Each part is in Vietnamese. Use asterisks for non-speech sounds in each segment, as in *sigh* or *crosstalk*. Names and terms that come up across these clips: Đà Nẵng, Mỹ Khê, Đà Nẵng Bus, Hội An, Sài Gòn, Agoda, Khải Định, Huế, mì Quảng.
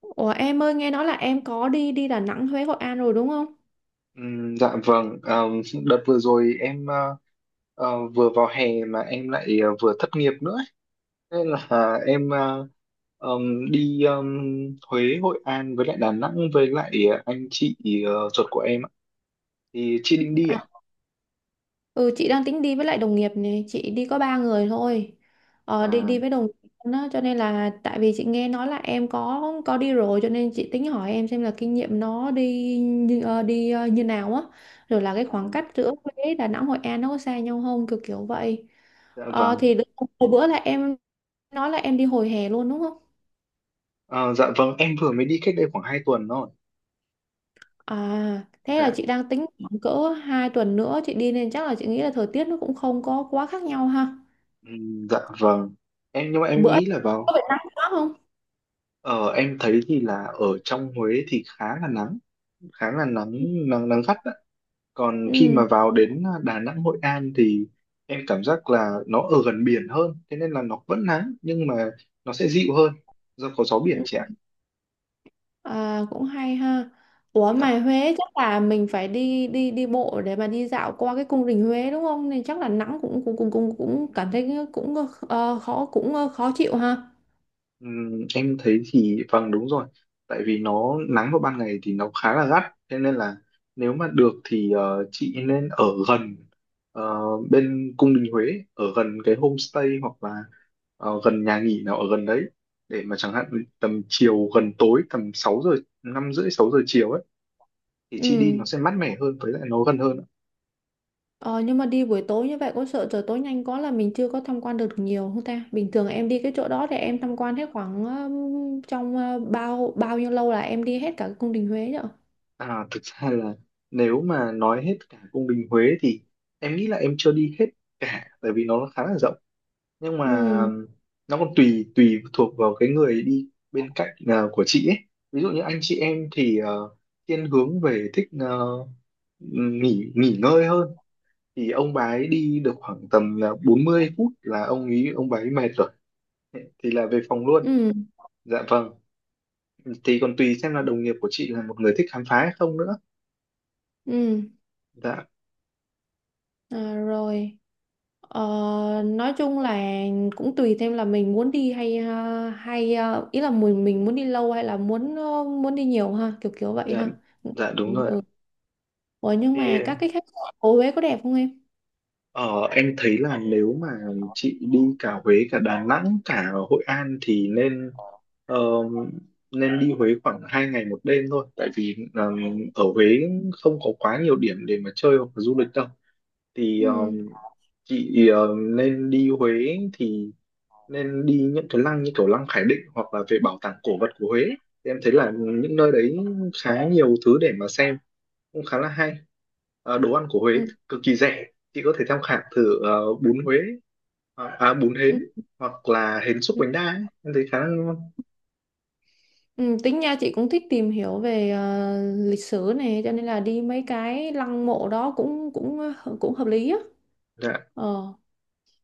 Ủa em ơi nghe nói là em có đi đi Đà Nẵng, Huế, Hội An rồi đúng không? Ừm, dạ vâng, Ờ, Đợt vừa rồi em vừa vào hè mà em lại vừa thất nghiệp nữa ấy. Nên là em đi Huế, Hội An với lại Đà Nẵng với lại anh chị ruột của em ạ. Thì chị định đi À, à? ừ chị đang tính đi với lại đồng nghiệp này, chị đi có ba người thôi. Đi À, đi với đồng nghiệp đó, cho nên là tại vì chị nghe nói là em có đi rồi cho nên chị tính hỏi em xem là kinh nghiệm nó đi như đi như nào á, rồi là cái à khoảng cách giữa Huế, Đà Nẵng, Hội An nó có xa nhau không, kiểu kiểu vậy. dạ Ờ, vâng. thì đ- hồi bữa là em nói là em đi hồi hè luôn đúng không? Ờ, dạ vâng, em vừa mới đi cách đây khoảng 2 tuần thôi. À, thế là Dạ. chị đang tính khoảng cỡ 2 tuần nữa chị đi nên chắc là chị nghĩ là thời tiết nó cũng không có quá khác nhau ha. Dạ vâng, em nhưng mà em Bữa nghĩ là có vào. bị nắng quá không? Ờ, em thấy thì là ở trong Huế thì khá là nắng, khá là nắng, nắng gắt. Còn khi Ừ. mà vào đến Đà Nẵng, Hội An thì em cảm giác là nó ở gần biển hơn, thế nên là nó vẫn nắng nhưng mà nó sẽ dịu hơn do có gió biển Ừ. chị ạ. À, cũng hay ha. Ủa Dạ. mà Huế chắc là mình phải đi đi đi bộ để mà đi dạo qua cái cung đình Huế đúng không? Nên chắc là nắng cũng cũng cũng cũng cũng cảm thấy cũng khó, cũng khó chịu ha. Em thấy thì vâng đúng rồi, tại vì nó nắng vào ban ngày thì nó khá là gắt, thế nên là nếu mà được thì chị nên ở gần ờ, bên cung đình Huế, ở gần cái homestay hoặc là gần nhà nghỉ nào ở gần đấy để mà chẳng hạn tầm chiều gần tối tầm 6 giờ, 5 rưỡi 6 giờ chiều ấy, thì chị đi Ừ. nó sẽ mát mẻ hơn với lại nó gần hơn. Ờ, nhưng mà đi buổi tối như vậy có sợ trời tối nhanh quá là mình chưa có tham quan được nhiều không ta? Bình thường em đi cái chỗ đó thì em tham quan hết khoảng trong bao bao nhiêu lâu là em đi hết cả cái cung đình Huế rồi. À, thực ra là nếu mà nói hết cả cung đình Huế thì em nghĩ là em chưa đi hết cả, tại vì nó khá là rộng, nhưng mà Ừ, nó còn tùy tùy thuộc vào cái người đi bên cạnh của chị ấy. Ví dụ như anh chị em thì thiên hướng về thích nghỉ nghỉ ngơi hơn, thì ông bà ấy đi được khoảng tầm là 40 phút là ông bà ấy mệt rồi, thì là về phòng luôn. ừ, Dạ vâng, thì còn tùy xem là đồng nghiệp của chị là một người thích khám phá hay không nữa. ừ. Dạ. À, rồi. Ờ, nói chung là cũng tùy thêm là mình muốn đi hay hay, ý là mình muốn đi lâu hay là muốn đi nhiều ha, kiểu kiểu vậy Dạ, ha. dạ đúng Ừ. rồi ạ. Ừ. Ủa nhưng mà Thì các cái khách sạn của Huế có đẹp không em? ờ, em thấy là nếu mà chị đi cả Huế cả Đà Nẵng cả Hội An thì nên, ờ, nên đi Huế khoảng hai ngày một đêm thôi, tại vì ở Huế không có quá nhiều điểm để mà chơi hoặc là du lịch đâu. Thì Ừ. Nên đi Huế thì nên đi những cái lăng như kiểu lăng Khải Định hoặc là về bảo tàng cổ vật của Huế. Thì em thấy là những nơi đấy khá nhiều thứ để mà xem, cũng khá là hay. Ờ, đồ ăn của Huế Ừ. cực kỳ rẻ, chị có thể tham khảo thử bún Huế, bún Ừ. hến Ừ. hoặc là hến xúc bánh đa ấy. Em thấy khá là ngon. Ừ, tính nha chị cũng thích tìm hiểu về lịch sử này cho nên là đi mấy cái lăng mộ đó cũng cũng ờ, cũng hợp lý á. Dạ, Ờ.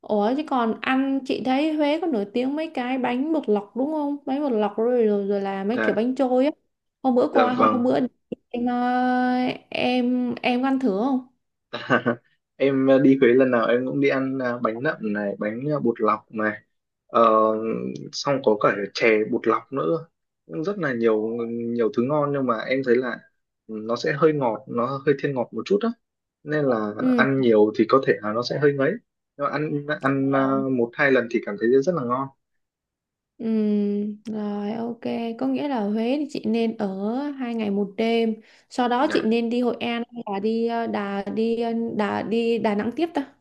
Ủa chứ còn ăn chị thấy Huế có nổi tiếng mấy cái bánh bột lọc đúng không? Bánh bột lọc rồi rồi, rồi là mấy kiểu dạ, bánh trôi á. Dạ vâng. Hôm bữa em ờ, em có ăn thử không? *laughs* Em đi Huế lần nào em cũng đi ăn bánh nậm này, bánh bột lọc này, ờ, xong có cả chè bột lọc nữa. Cũng rất là nhiều nhiều thứ ngon, nhưng mà em thấy là nó sẽ hơi ngọt, nó hơi thiên ngọt một chút á, nên là ăn nhiều thì có thể là nó sẽ hơi ngấy, nhưng mà ăn ăn Ừ. ờ, một hai lần thì cảm thấy rất là ngon. Ừ, rồi, ok, có nghĩa là Huế thì chị nên ở 2 ngày một đêm, sau đó chị Dạ. nên đi Hội An hay là đi ờ, Đà đi ờ, Đà đi Đà Nẵng tiếp ta,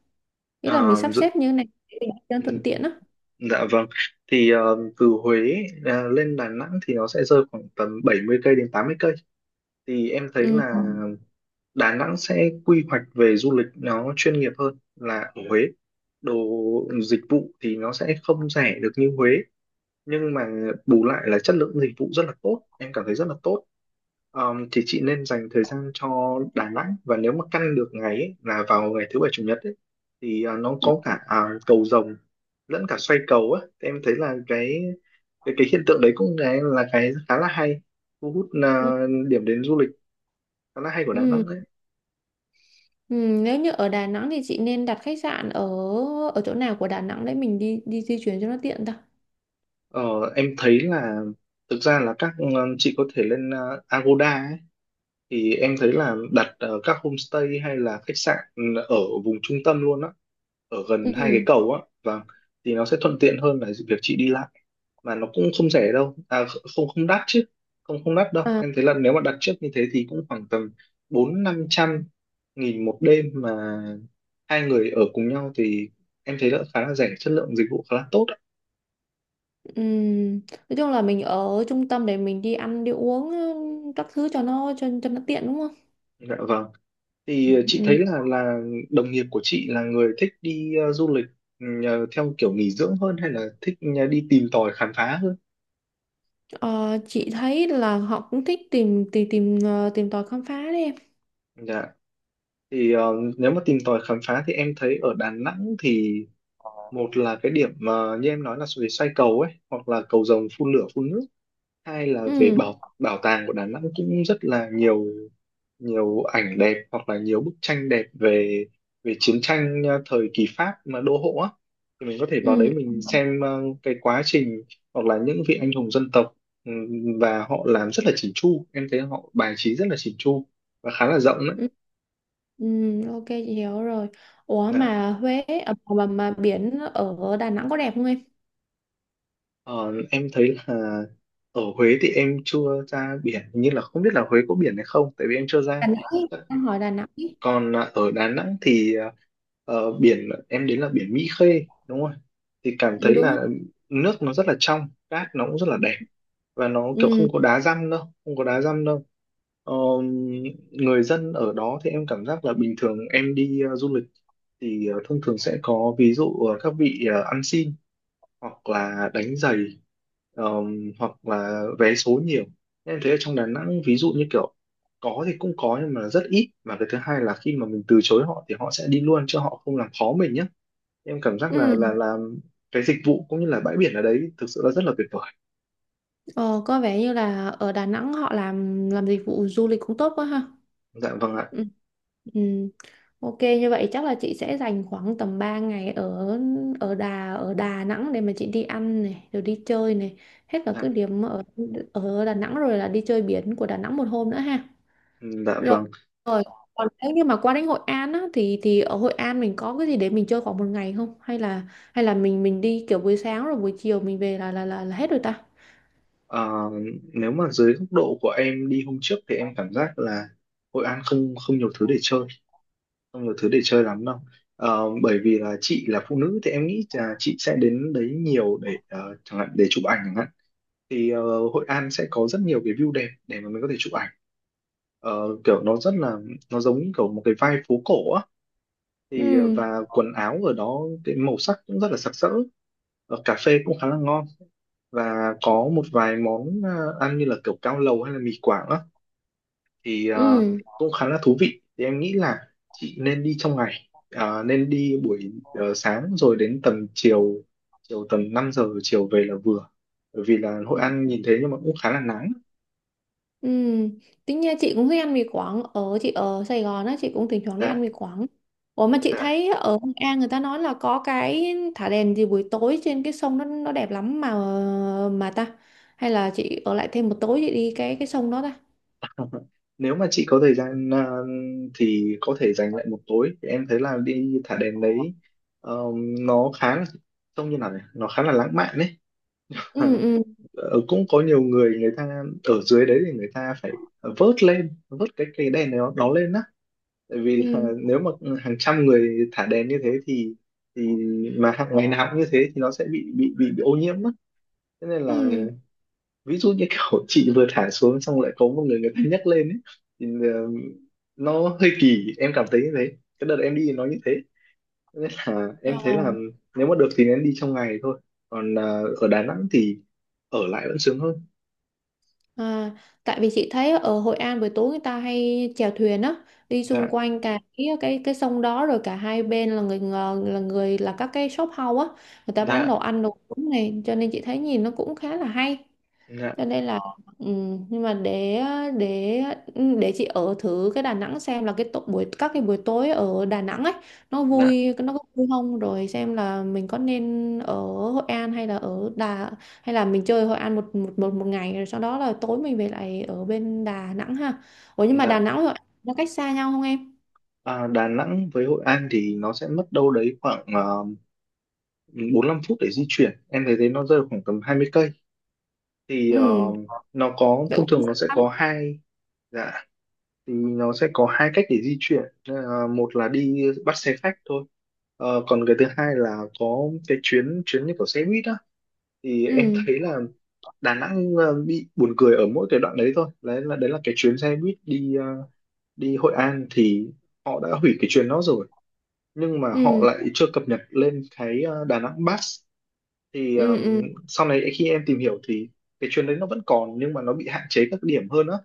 nghĩa là Ờ, mình sắp dự- xếp như thế này để cho ừ, thuận tiện á. dạ vâng, thì từ Huế lên Đà Nẵng thì nó sẽ rơi khoảng tầm 70 cây đến 80 cây. Thì em thấy Ừ. là Đà Nẵng sẽ quy hoạch về du lịch nó chuyên nghiệp hơn là ở Huế. Đồ dịch vụ thì nó sẽ không rẻ được như Huế, nhưng mà bù lại là chất lượng dịch vụ rất là tốt, em cảm thấy rất là tốt. Thì chị nên dành thời gian cho Đà Nẵng, và nếu mà căn được ngày ấy, là vào ngày thứ bảy chủ nhật ấy, thì nó Ừ. có cả cầu rồng lẫn cả xoay cầu á. Thì em thấy là cái hiện tượng đấy cũng là cái khá là hay, thu hút Ừ. Điểm đến du lịch khá là hay của Đà Ừ. Nẵng. Ừ. Nếu như ở Đà Nẵng thì chị nên đặt khách sạn ở ở chỗ nào của Đà Nẵng để mình đi đi di chuyển cho nó tiện ta. Ờ, em thấy là thực ra là chị có thể lên Agoda ấy, thì em thấy là đặt các homestay hay là khách sạn, ở vùng trung tâm luôn á, ở gần hai cái Ừ. cầu á, và thì nó sẽ thuận tiện hơn là việc chị đi lại, mà nó cũng không rẻ đâu, à không không đắt chứ, không không đắt đâu. À, Em thấy là nếu mà đặt trước như thế thì cũng khoảng tầm 400–500 nghìn một đêm, mà hai người ở cùng nhau thì em thấy là khá là rẻ, chất lượng dịch vụ khá là tốt ạ. ừ. Nói chung là mình ở trung tâm để mình đi ăn đi uống, các thứ cho nó tiện đúng không? Dạ vâng. Thì chị Ừ. thấy là đồng nghiệp của chị là người thích đi du lịch theo kiểu nghỉ dưỡng hơn hay là thích đi tìm tòi khám phá hơn? Ờ, chị thấy là họ cũng thích tìm tìm tìm ờ, tìm tòi khám phá đấy em. Dạ. Thì nếu mà tìm tòi khám phá thì em thấy ở Đà Nẵng thì, một là cái điểm mà như em nói là về xoay cầu ấy hoặc là cầu rồng phun lửa phun nước, hai là về Ừ, bảo bảo tàng của Đà Nẵng, cũng rất là nhiều, nhiều ảnh đẹp hoặc là nhiều bức tranh đẹp về, về chiến tranh thời kỳ Pháp mà đô hộ á, thì mình có thể vào ừ, đấy mình xem cái quá trình hoặc là những vị anh hùng dân tộc. Ừm, và họ làm rất là chỉn chu, em thấy họ bài trí rất là chỉn chu và khá là rộng đấy. ừ, ừ, ok chị hiểu rồi. Ủa Dạ. mà mà biển ở Đà Nẵng có đẹp không em? Ờ, em thấy là ở Huế thì em chưa ra biển, hình như là không biết là Huế có biển hay không, tại vì em chưa Đà ra. Nẵng, ý, em hỏi Đà Nẵng. Ý. Còn ở Đà Nẵng thì biển em đến là biển Mỹ Khê đúng không, thì cảm Ừ, thấy đúng là rồi. nước nó rất là trong, cát nó cũng rất là đẹp, và nó kiểu không Ừ, có đá răm đâu Không có đá răm đâu. Ờ, người dân ở đó thì em cảm giác là bình thường em đi du lịch thì thông thường sẽ có, ví dụ các vị ăn xin hoặc là đánh giày, hoặc là vé số nhiều. Em thấy ở trong Đà Nẵng ví dụ như kiểu có thì cũng có, nhưng mà rất ít, và cái thứ hai là khi mà mình từ chối họ thì họ sẽ đi luôn, chứ họ không làm khó mình nhé. Em cảm giác là ừ. là là cái dịch vụ cũng như là bãi biển ở đấy thực sự là rất là tuyệt vời. Ờ, có vẻ như là ở Đà Nẵng họ làm dịch vụ du lịch cũng tốt quá ha. Dạ vâng ạ. Ừ. Ừ. Ok, như vậy chắc là chị sẽ dành khoảng tầm 3 ngày ở ở Đà Nẵng để mà chị đi ăn này, rồi đi chơi này, hết cả Dạ, các điểm ở ở Đà Nẵng rồi là đi chơi biển của Đà Nẵng một hôm nữa ha. dạ Rồi. vâng. Rồi. Còn nếu như mà qua đến Hội An á thì ở Hội An mình có cái gì để mình chơi khoảng một ngày không? Hay là mình đi kiểu buổi sáng rồi buổi chiều mình về là hết rồi ta? Ờ, nếu mà dưới góc độ của em đi hôm trước thì em cảm giác là Hội An không không nhiều thứ để chơi, không nhiều thứ để chơi lắm đâu. Ờ, bởi vì là chị là phụ nữ thì em nghĩ là chị sẽ đến đấy nhiều để chẳng hạn để chụp ảnh chẳng hạn, thì Hội An sẽ có rất nhiều cái view đẹp để mà mình có thể chụp ảnh. Ờ, kiểu nó rất là, nó giống như kiểu một cái vibe phố cổ á, thì Ừ. và quần áo ở đó cái màu sắc cũng rất là sặc sỡ. Ờ, cà phê cũng khá là ngon, và có một vài món ăn như là kiểu cao lầu hay là mì Quảng á, thì Ừ. cũng khá là thú vị. Thì em nghĩ là chị nên đi trong ngày. Ờ, nên đi buổi sáng rồi đến tầm chiều, chiều tầm 5 giờ chiều về là vừa, bởi vì là Hội An nhìn thế nhưng mà cũng khá là nắng. Ừ. Tính nha chị cũng thích ăn mì Quảng, chị ở Sài Gòn á, chị cũng thỉnh thoảng đi Dạ. ăn mì Quảng. Ủa mà chị Dạ. thấy ở Hội An người ta nói là có cái thả đèn gì buổi tối trên cái sông nó đẹp lắm mà ta, hay là chị ở lại thêm một tối chị đi cái sông đó ta? *laughs* Nếu mà chị có thời gian thì có thể dành lại một tối, thì em thấy là đi thả đèn đấy, ờ, nó khá là, trông như nào nhỉ, nó khá là lãng mạn đấy. Ừ. *laughs* Ừ. Ờ, cũng có nhiều người, người ta ở dưới đấy thì người ta phải vớt lên, vớt cái cây đèn này nó lên á, tại vì là Ừ. nếu mà hàng trăm người thả đèn như thế thì mà hàng ngày nào cũng như thế thì nó sẽ bị ô nhiễm mất, thế nên là Ừ. ví dụ như kiểu *laughs* chị vừa thả xuống xong lại có một người, người ta nhấc lên ấy, thì ờ, nó hơi kỳ, em cảm thấy như thế, cái đợt em đi nó như thế, nên là em thấy Ờ. là nếu mà được thì nên đi trong ngày thôi. Còn ở Đà Nẵng thì ở lại vẫn sướng hơn. À, tại vì chị thấy ở Hội An buổi tối người ta hay chèo thuyền á, đi xung Dạ. quanh cả cái sông đó rồi cả hai bên là là người, là các cái shop house á, người ta bán Dạ. đồ ăn đồ uống này, cho nên chị thấy nhìn nó cũng khá là hay, Dạ. cho nên là ừ, nhưng mà để để chị ở thử cái Đà Nẵng xem là buổi các cái buổi tối ở Đà Nẵng ấy Dạ. Nó có vui không, rồi xem là mình có nên ở Hội An hay là mình chơi Hội An một ngày rồi sau đó là tối mình về lại ở bên Đà Nẵng ha. Ủa nhưng mà Đà Dạ. Nẵng với Hội An nó cách xa nhau không em? À, Đà Nẵng với Hội An thì nó sẽ mất đâu đấy khoảng, uh, 45 phút để di chuyển, em thấy thế, nó rơi vào khoảng tầm 20 cây. Thì Ừ, nó có, vậy thông cũng thường không nó sẽ xa lắm. có hai. Dạ, thì nó sẽ có hai cách để di chuyển. Nên một là đi bắt xe khách thôi. Ờ, còn cái thứ hai là có cái chuyến chuyến như kiểu xe buýt á, thì em Ừ. thấy là Đà Nẵng bị buồn cười ở mỗi cái đoạn đấy thôi, đấy là cái chuyến xe buýt đi đi Hội An, thì họ đã hủy cái chuyến đó rồi, nhưng mà họ Ừ. lại chưa cập nhật lên cái Đà Nẵng Bus. Thì Ừ. Ừ. sau này khi em tìm hiểu thì cái chuyến đấy nó vẫn còn, nhưng mà nó bị hạn chế các điểm hơn á.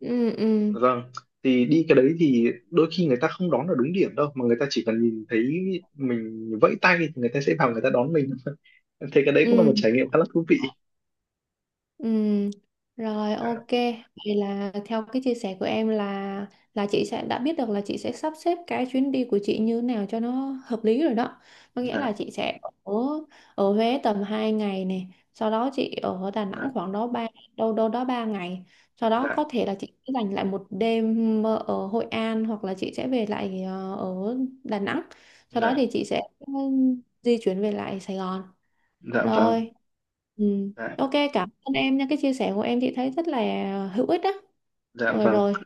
Ừ. Ừ. Vâng, thì đi cái đấy thì đôi khi người ta không đón ở đúng điểm đâu, mà người ta chỉ cần nhìn thấy mình vẫy tay thì người ta sẽ vào, người ta đón mình. *laughs* Thế cái đấy cũng là một Ừ. trải nghiệm khá là thú vị. Ừ, rồi, Dạ, ok. Vậy là theo cái chia sẻ của em là chị sẽ đã biết được là chị sẽ sắp xếp cái chuyến đi của chị như thế nào cho nó hợp lý rồi đó. Có nghĩa dạ, là chị sẽ ở ở Huế tầm 2 ngày này, sau đó chị ở Đà dạ, Nẵng khoảng đó ba đâu đâu đó 3 ngày. Sau đó có dạ, thể là chị sẽ dành lại một đêm ở Hội An hoặc là chị sẽ về lại ở Đà Nẵng. Sau đó dạ, thì chị sẽ di chuyển về lại Sài Gòn. dạ vâng, Rồi. Ừ. dạ, Ok, cảm ơn em nha. Cái chia sẻ của em chị thấy rất là hữu ích á. dạ vâng. Rồi,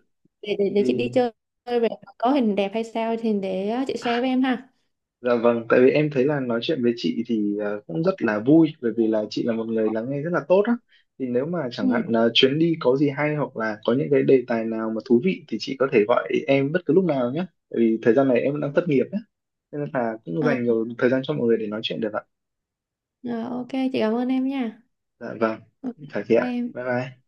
để chị đi Thì chơi về có hình đẹp hay sao thì để chị share với em ha. dạ vâng, tại vì em thấy là nói chuyện với chị thì cũng rất là vui, bởi vì là chị là một người lắng nghe rất là tốt á. Thì nếu mà chẳng Ừ. hạn chuyến đi có gì hay hoặc là có những cái đề tài nào mà thú vị thì chị có thể gọi em bất cứ lúc nào nhé. Tại vì thời gian này em đang thất nghiệp á. Nên là cũng Ờ, dành nhiều thời gian cho mọi người để nói chuyện được ạ. ờ, ok, chị cảm ơn em nha. Dạ vâng, Ok, phải thế ạ. bye em. Bye bye.